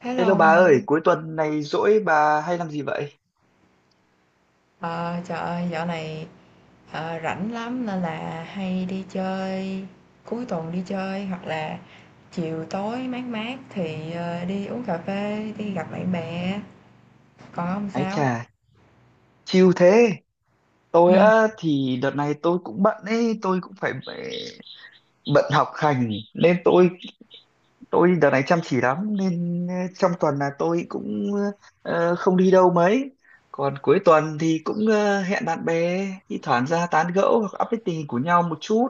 Hello Hello bà ông nha. ơi, cuối tuần này rỗi bà hay làm gì vậy? Ờ, Trời ơi, dạo này rảnh lắm nên là hay đi chơi, cuối tuần đi chơi hoặc là chiều tối mát mát thì đi uống cà phê, đi gặp bạn bè. Còn ông Ái sao? chà, chill thế. Ừ. Tôi á thì đợt này tôi cũng bận ấy, tôi cũng phải bận học hành nên tôi đợt này chăm chỉ lắm nên trong tuần là tôi cũng không đi đâu mấy. Còn cuối tuần thì cũng hẹn bạn bè thi thoảng ra tán gẫu hoặc update tình hình của nhau một chút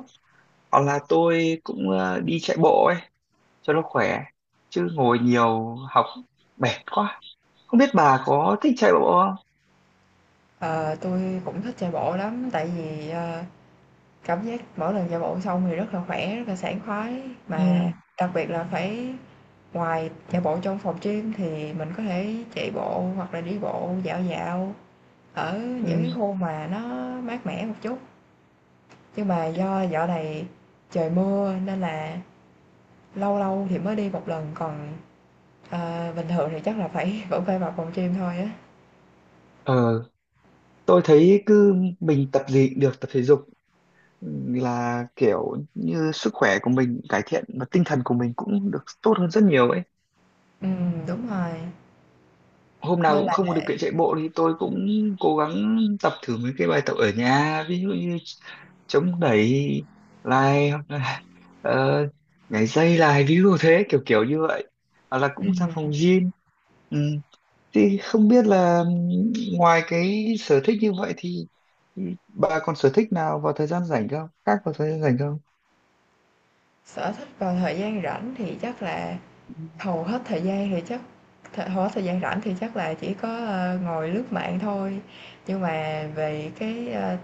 hoặc là tôi cũng đi chạy bộ ấy cho nó khỏe chứ ngồi nhiều học mệt quá. Không biết bà có thích chạy bộ không? Ờ, tôi cũng thích chạy bộ lắm tại vì cảm giác mỗi lần chạy bộ xong thì rất là khỏe, rất là sảng khoái, mà Ừ, đặc biệt là phải ngoài chạy bộ trong phòng gym thì mình có thể chạy bộ hoặc là đi bộ dạo dạo ở những cái ừ. khu mà nó mát mẻ một chút, nhưng mà do dạo này trời mưa nên là lâu lâu thì mới đi một lần, còn, bình thường thì chắc là phải vẫn phải vào phòng gym thôi á. Ờ, tôi thấy cứ mình tập gì cũng được tập thể dục, ừ, là kiểu như sức khỏe của mình cải thiện và tinh thần của mình cũng được tốt hơn rất nhiều ấy. Đúng rồi, Hôm nào nên cũng là không có điều kiện chạy bộ thì tôi cũng cố gắng tập thử mấy cái bài tập ở nhà, ví dụ như chống đẩy lại hoặc là ờ, nhảy dây lại ví dụ thế kiểu kiểu như vậy. Hoặc là cũng ra phòng ừm, gym. Ừ. Thì không biết là ngoài cái sở thích như vậy thì bà còn sở thích nào vào thời gian rảnh không? Khác vào thời gian rảnh không? sở thích vào thời gian rảnh thì chắc là hầu hết thời gian thì chắc hầu hết thời gian rảnh thì chắc là chỉ có, ngồi lướt mạng thôi, nhưng mà về cái,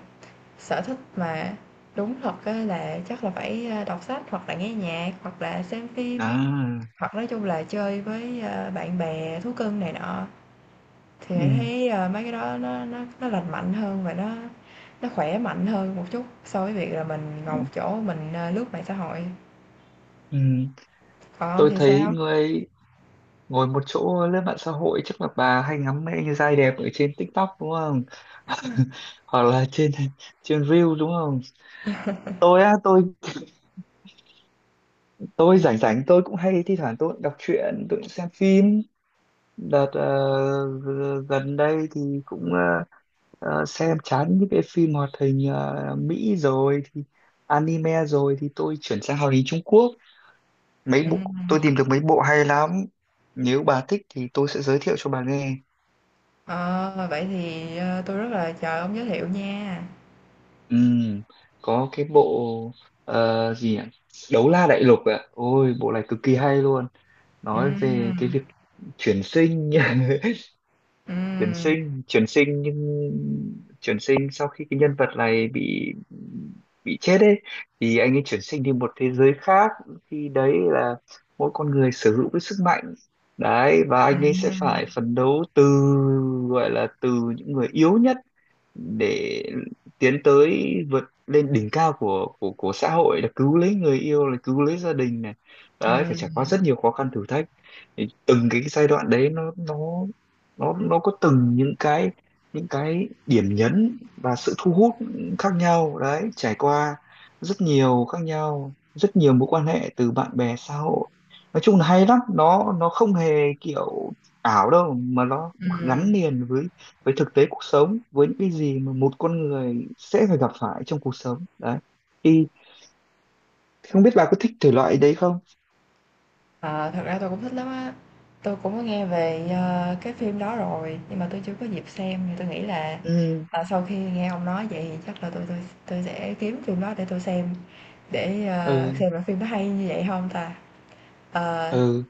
sở thích mà đúng thật á là chắc là phải, đọc sách hoặc là nghe nhạc, hoặc là xem phim, À, hoặc nói chung là chơi với, bạn bè, thú cưng này nọ, thì Hải ừ, thấy, mấy cái đó nó lành mạnh hơn và nó khỏe mạnh hơn một chút so với việc là mình ừ, ngồi một chỗ mình, lướt mạng xã hội. ừ. Còn ông Tôi thì thấy sao? người ngồi một chỗ lên mạng xã hội chắc là bà hay ngắm mấy anh trai đẹp ở trên TikTok đúng không? Hoặc là trên trên Reel đúng không? Tôi á, tôi rảnh rảnh tôi cũng hay thi thoảng tôi cũng đọc truyện, tôi cũng xem phim. Đợt gần đây thì cũng xem chán những cái phim hoạt hình Mỹ rồi thì anime rồi thì tôi chuyển sang hoạt hình Trung Quốc, mấy bộ Ừm, tôi tìm được mấy bộ hay lắm, nếu bà thích thì tôi sẽ giới thiệu cho bà nghe. ờ, vậy thì, tôi rất là chờ ông giới thiệu nha. Ừm, có cái bộ gì nhỉ? Đấu La Đại Lục ạ, ôi bộ này cực kỳ hay luôn, nói về cái Ừm, việc chuyển sinh ừm, chuyển sinh nhưng chuyển sinh sau khi cái nhân vật này bị chết ấy thì anh ấy chuyển sinh đi một thế giới khác, khi đấy là mỗi con người sở hữu cái sức mạnh đấy, và anh ấy sẽ phải ừm, phấn đấu từ, gọi là từ những người yếu nhất để tiến tới vượt lên đỉnh cao của của xã hội, là cứu lấy người yêu, là cứu lấy gia đình này đấy, phải ừm, trải qua rất nhiều khó khăn thử thách, thì từng cái giai đoạn đấy nó có từng những cái, những cái điểm nhấn và sự thu hút khác nhau đấy, trải qua rất nhiều khác nhau, rất nhiều mối quan hệ từ bạn bè xã hội, nói chung là hay lắm, nó không hề kiểu ảo đâu, mà nó gắn ừm. liền với thực tế cuộc sống, với những cái gì mà một con người sẽ phải gặp phải trong cuộc sống đấy, thì không biết bà có thích thể loại đấy không. Ờ, Thật ra tôi cũng thích lắm á. Tôi cũng có nghe về, cái phim đó rồi, nhưng mà tôi chưa có dịp xem thì tôi nghĩ là, Ừ, sau khi nghe ông nói vậy thì chắc là tôi sẽ kiếm phim đó để tôi xem, để, ừ, xem là phim nó hay như vậy không ta? Ờ, ừ,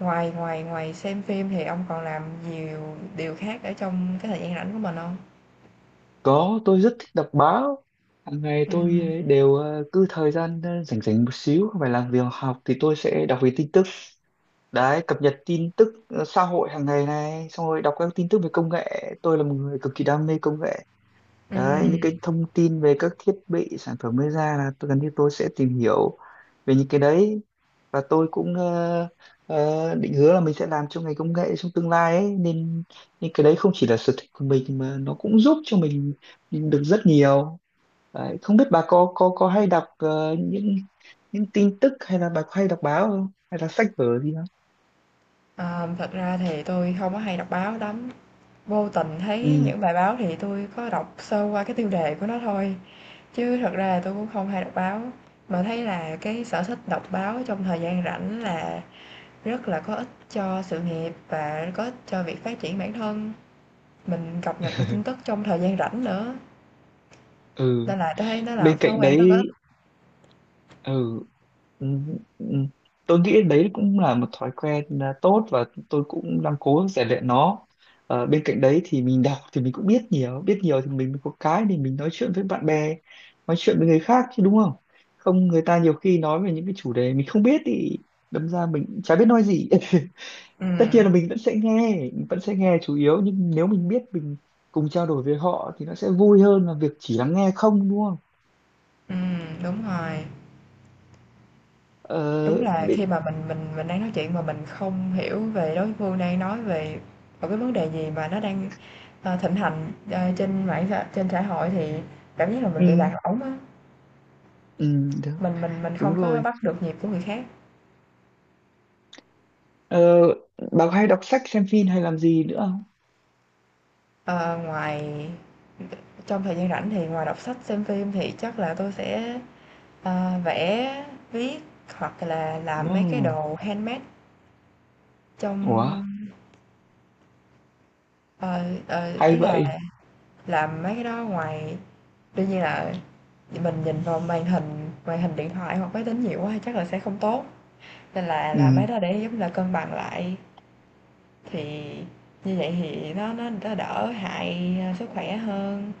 ngoài ngoài ngoài xem phim thì ông còn làm nhiều điều khác ở trong cái thời gian rảnh của mình không? có, tôi rất thích đọc báo, hàng ngày tôi Ừm, ấy đều cứ thời gian rảnh rảnh một xíu không phải làm việc học thì tôi sẽ đọc về tin tức đấy, cập nhật tin tức xã hội hàng ngày này, xong rồi đọc các tin tức về công nghệ, tôi là một người cực kỳ đam mê công nghệ đấy, những ừm, cái thông tin về các thiết bị sản phẩm mới ra là tôi gần như tôi sẽ tìm hiểu về những cái đấy. Và tôi cũng định hứa là mình sẽ làm trong ngành công nghệ trong tương lai ấy, nên nên cái đấy không chỉ là sở thích của mình mà nó cũng giúp cho mình được rất nhiều đấy. Không biết bà có có hay đọc những tin tức, hay là bà có hay đọc báo không, hay là sách vở gì không. ờ, thật ra thì tôi không có hay đọc báo lắm. Vô tình Ừ, thấy những bài báo thì tôi có đọc sơ qua cái tiêu đề của nó thôi, chứ thật ra là tôi cũng không hay đọc báo, mà thấy là cái sở thích đọc báo trong thời gian rảnh là rất là có ích cho sự nghiệp và có ích cho việc phát triển bản thân, mình cập nhật được tin tức trong thời gian rảnh nữa, ừ, nên là tôi thấy nó là một bên thói cạnh quen rất có ích. đấy, ừ, ừ, ừ. Tôi nghĩ đấy cũng là một thói quen, à, tốt và tôi cũng đang cố rèn luyện nó. Ờ, bên cạnh đấy thì mình đọc thì mình cũng biết nhiều, biết nhiều thì mình có cái để mình nói chuyện với bạn bè, nói chuyện với người khác chứ đúng không, không người ta nhiều khi nói về những cái chủ đề mình không biết thì đâm ra mình cũng chả biết nói gì. Tất nhiên Ừm, là mình vẫn sẽ nghe, mình vẫn sẽ nghe chủ yếu, nhưng nếu mình biết mình cùng trao đổi với họ thì nó sẽ vui hơn là việc chỉ lắng nghe không, đúng không. Đúng rồi. ờ Đúng là khi bị- mà mình đang nói chuyện mà mình không hiểu về đối phương đang nói về một cái vấn đề gì mà nó đang, thịnh hành, trên mạng xã trên xã hội thì cảm giác là mình ừ, bị lạc lõng á, ừ, mình đúng không có rồi. bắt được nhịp của người khác. Ờ, bà có hay đọc sách xem phim hay làm gì nữa không? Ờ, Ngoài trong thời gian rảnh thì ngoài đọc sách, xem phim thì chắc là tôi sẽ, vẽ, viết hoặc là Ồ, làm mấy cái đồ handmade ủa trong ờ, hay ý là vậy. làm mấy cái đó, ngoài đương nhiên là mình nhìn vào màn hình điện thoại hoặc máy tính nhiều quá thì chắc là sẽ không tốt, nên là Ừ, làm mấy đó để giống là cân bằng lại, thì như vậy thì nó đỡ hại, sức khỏe hơn.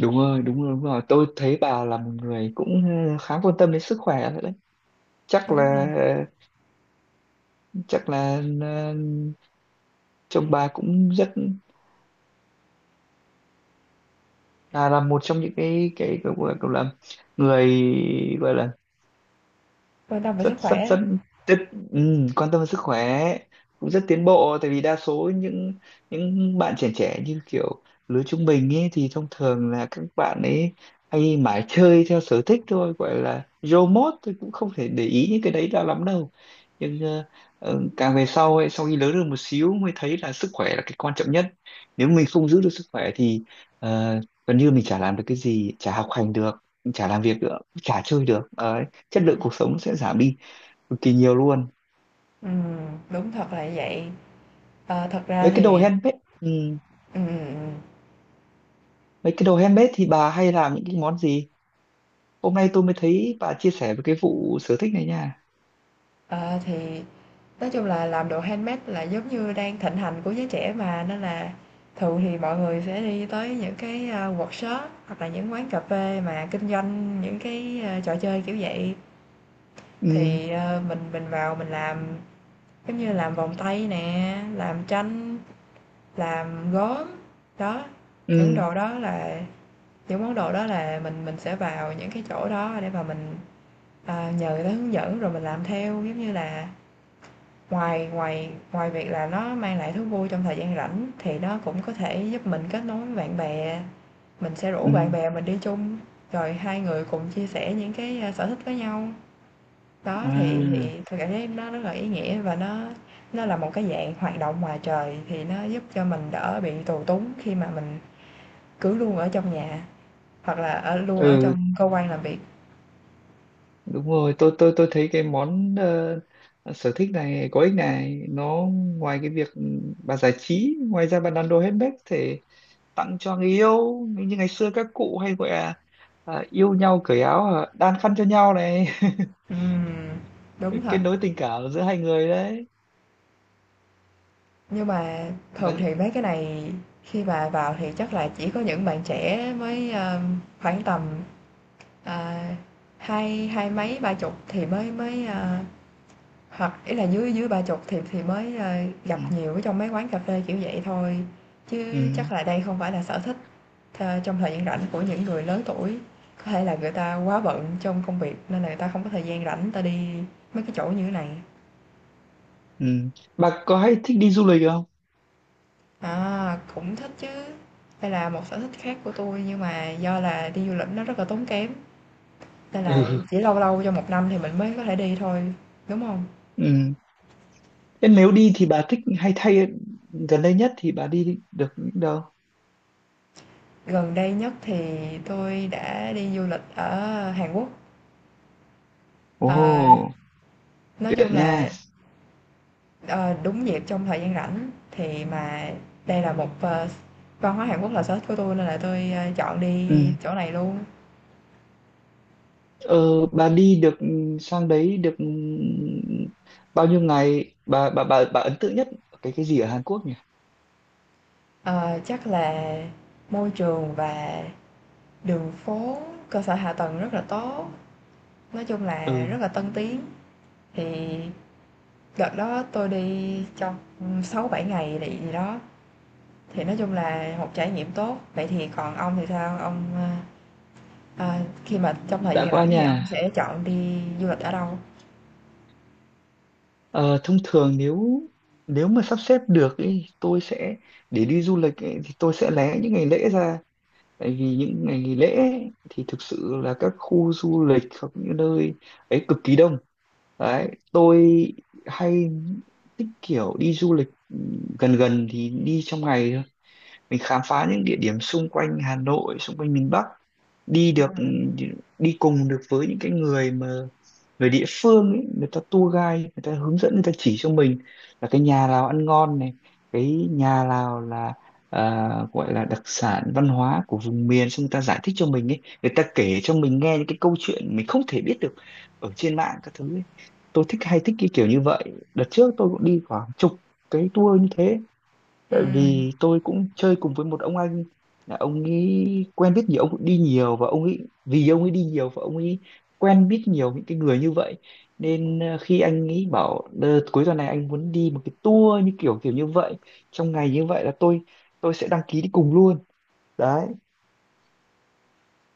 đúng rồi, đúng rồi, đúng rồi, tôi thấy bà là một người cũng khá quan tâm đến sức khỏe nữa đấy. Chắc Đúng rồi, là, chắc là chồng bà cũng rất là một trong những cái gọi là người, gọi là quan tâm về sức rất khỏe. rất rất, rất, ừ, quan tâm đến sức khỏe, cũng rất tiến bộ, tại vì đa số những bạn trẻ, trẻ như kiểu lứa trung bình ấy thì thông thường là các bạn ấy hay mải chơi theo sở thích thôi, gọi là rô mốt, tôi cũng không thể để ý những cái đấy ra lắm đâu. Nhưng càng về sau ấy, sau khi lớn được một xíu mới thấy là sức khỏe là cái quan trọng nhất, nếu mình không giữ được sức khỏe thì ờ, gần như mình chả làm được cái gì, chả học hành được, chả làm việc được, chả chơi được. Ờ, chất lượng cuộc sống sẽ giảm đi cực kỳ nhiều luôn. Ừm, đúng thật là như vậy. Thật Mấy ra cái đồ thì handmade, ừ, ừm. mấy cái đồ handmade thì bà hay làm những cái món gì, hôm nay tôi mới thấy bà chia sẻ về cái vụ sở thích này nha. Ờ, thì nói chung là làm đồ handmade là giống như đang thịnh hành của giới trẻ mà, nên là thường thì mọi người sẽ đi tới những cái, workshop hoặc là những quán cà phê mà kinh doanh những cái, trò chơi kiểu vậy. Ừ, Thì, mình vào mình làm, giống như làm vòng tay nè, làm tranh, làm gốm, đó, những ừ, đồ đó là những món đồ đó là mình sẽ vào những cái chỗ đó để mà mình, nhờ người ta hướng dẫn rồi mình làm theo, giống như là Ngoài ngoài ngoài việc là nó mang lại thú vui trong thời gian rảnh thì nó cũng có thể giúp mình kết nối với bạn bè, mình sẽ rủ bạn ừ, bè mình đi chung, rồi hai người cùng chia sẻ những cái, sở thích với nhau. Đó, thì à, thì tôi cảm thấy nó rất là ý nghĩa và nó là một cái dạng hoạt động ngoài trời thì nó giúp cho mình đỡ bị tù túng khi mà mình cứ luôn ở trong nhà, hoặc là ở luôn ở ừ, trong cơ quan làm việc. đúng rồi, tôi thấy cái món sở thích này có ích này, nó ngoài cái việc, ừ, bà giải trí, ngoài ra bà làm đồ handmade thể tặng cho người yêu, như ngày xưa các cụ hay gọi là, à, yêu nhau cởi áo, à, đan khăn cho nhau này. Ừm, đúng Kết thật. nối tình cảm giữa hai người đấy. Nhưng mà Và thường thì mấy cái này khi mà vào thì chắc là chỉ có những bạn trẻ mới, khoảng tầm, à, hai hai mấy, ba chục thì mới mới, hoặc ý là dưới dưới ba chục thì mới, ừ, gặp nhiều ở trong mấy quán cà phê kiểu vậy thôi, chứ ừ, chắc là đây không phải là sở thích trong thời gian rảnh của những người lớn tuổi. Có thể là người ta quá bận trong công việc nên là người ta không có thời gian rảnh người ta đi mấy cái chỗ như thế này. ừ. Bà có hay thích đi du lịch không? À, cũng thích chứ. Đây là một sở thích khác của tôi nhưng mà do là đi du lịch nó rất là tốn kém, nên là Ừ, chỉ lâu lâu trong một năm thì mình mới có thể đi thôi, đúng không? ừ. Thế nếu đi thì bà thích hay thay, gần đây nhất thì bà đi được những đâu. Gần đây nhất thì tôi đã đi du lịch ở Hàn Quốc. Ồ, Ờ, nói tuyệt chung là, nha. ờ, đúng dịp trong thời gian rảnh thì mà đây là một, văn hóa Hàn Quốc là sở thích của tôi nên là tôi, chọn Ừ. đi chỗ này luôn. Ờ, bà đi được sang đấy được bao nhiêu ngày, bà ấn tượng nhất ở cái gì ở Hàn Quốc nhỉ. Ờ, Chắc là môi trường và đường phố, cơ sở hạ tầng rất là tốt. Nói chung là Ừ, rất là tân tiến, thì đợt đó tôi đi trong 6-7 ngày gì đó, thì nói chung là một trải nghiệm tốt. Vậy thì còn ông thì sao? Ông, khi mà trong thời đã gian qua rảnh thì ông nhà. sẽ chọn đi du lịch ở đâu? Ờ, thông thường nếu, nếu mà sắp xếp được ý, tôi sẽ để đi du lịch ý, thì tôi sẽ lé những ngày lễ ra, tại vì những ngày nghỉ lễ ấy thì thực sự là các khu du lịch hoặc những nơi ấy cực kỳ đông đấy. Tôi hay thích kiểu đi du lịch, ừ, gần gần thì đi trong ngày thôi, mình khám phá những địa điểm xung quanh Hà Nội, xung quanh miền Bắc, đi Ừm, được, đi cùng được với những cái người mà người địa phương ấy, người ta tour guide, người ta hướng dẫn, người ta chỉ cho mình là cái nhà nào ăn ngon này, cái nhà nào là, à, gọi là đặc sản văn hóa của vùng miền, xong người ta giải thích cho mình ấy, người ta kể cho mình nghe những cái câu chuyện mình không thể biết được ở trên mạng các thứ ấy. Tôi thích, hay thích cái kiểu như vậy. Đợt trước tôi cũng đi khoảng chục cái tour như thế, tại ừm, vì tôi cũng chơi cùng với một ông anh, là ông ấy quen biết nhiều, ông cũng đi nhiều, và ông ấy, vì ông ấy đi nhiều và ông ấy quen biết nhiều những cái người như vậy, nên khi anh ấy bảo "Ờ, cuối tuần này anh muốn đi một cái tour như kiểu kiểu như vậy trong ngày" như vậy là tôi sẽ đăng ký đi cùng luôn đấy.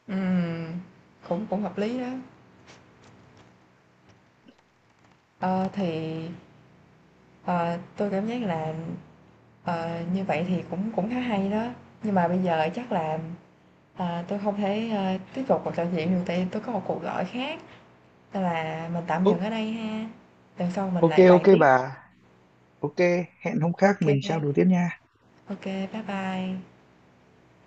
ừm, cũng cũng hợp lý đó. Ờ, thì, ờ, tôi cảm giác là, như vậy thì cũng cũng khá hay đó, nhưng mà bây giờ chắc là, tôi không thể, tiếp tục cuộc trò chuyện được tại tôi có một cuộc gọi khác. Tức là mình tạm dừng Ô- ở đây ha, lần sau mình ok, lại bàn ok tiếp. bà, ok, hẹn hôm khác Ok, mình kê, trao đổi tiếp nha. ô, bye bye.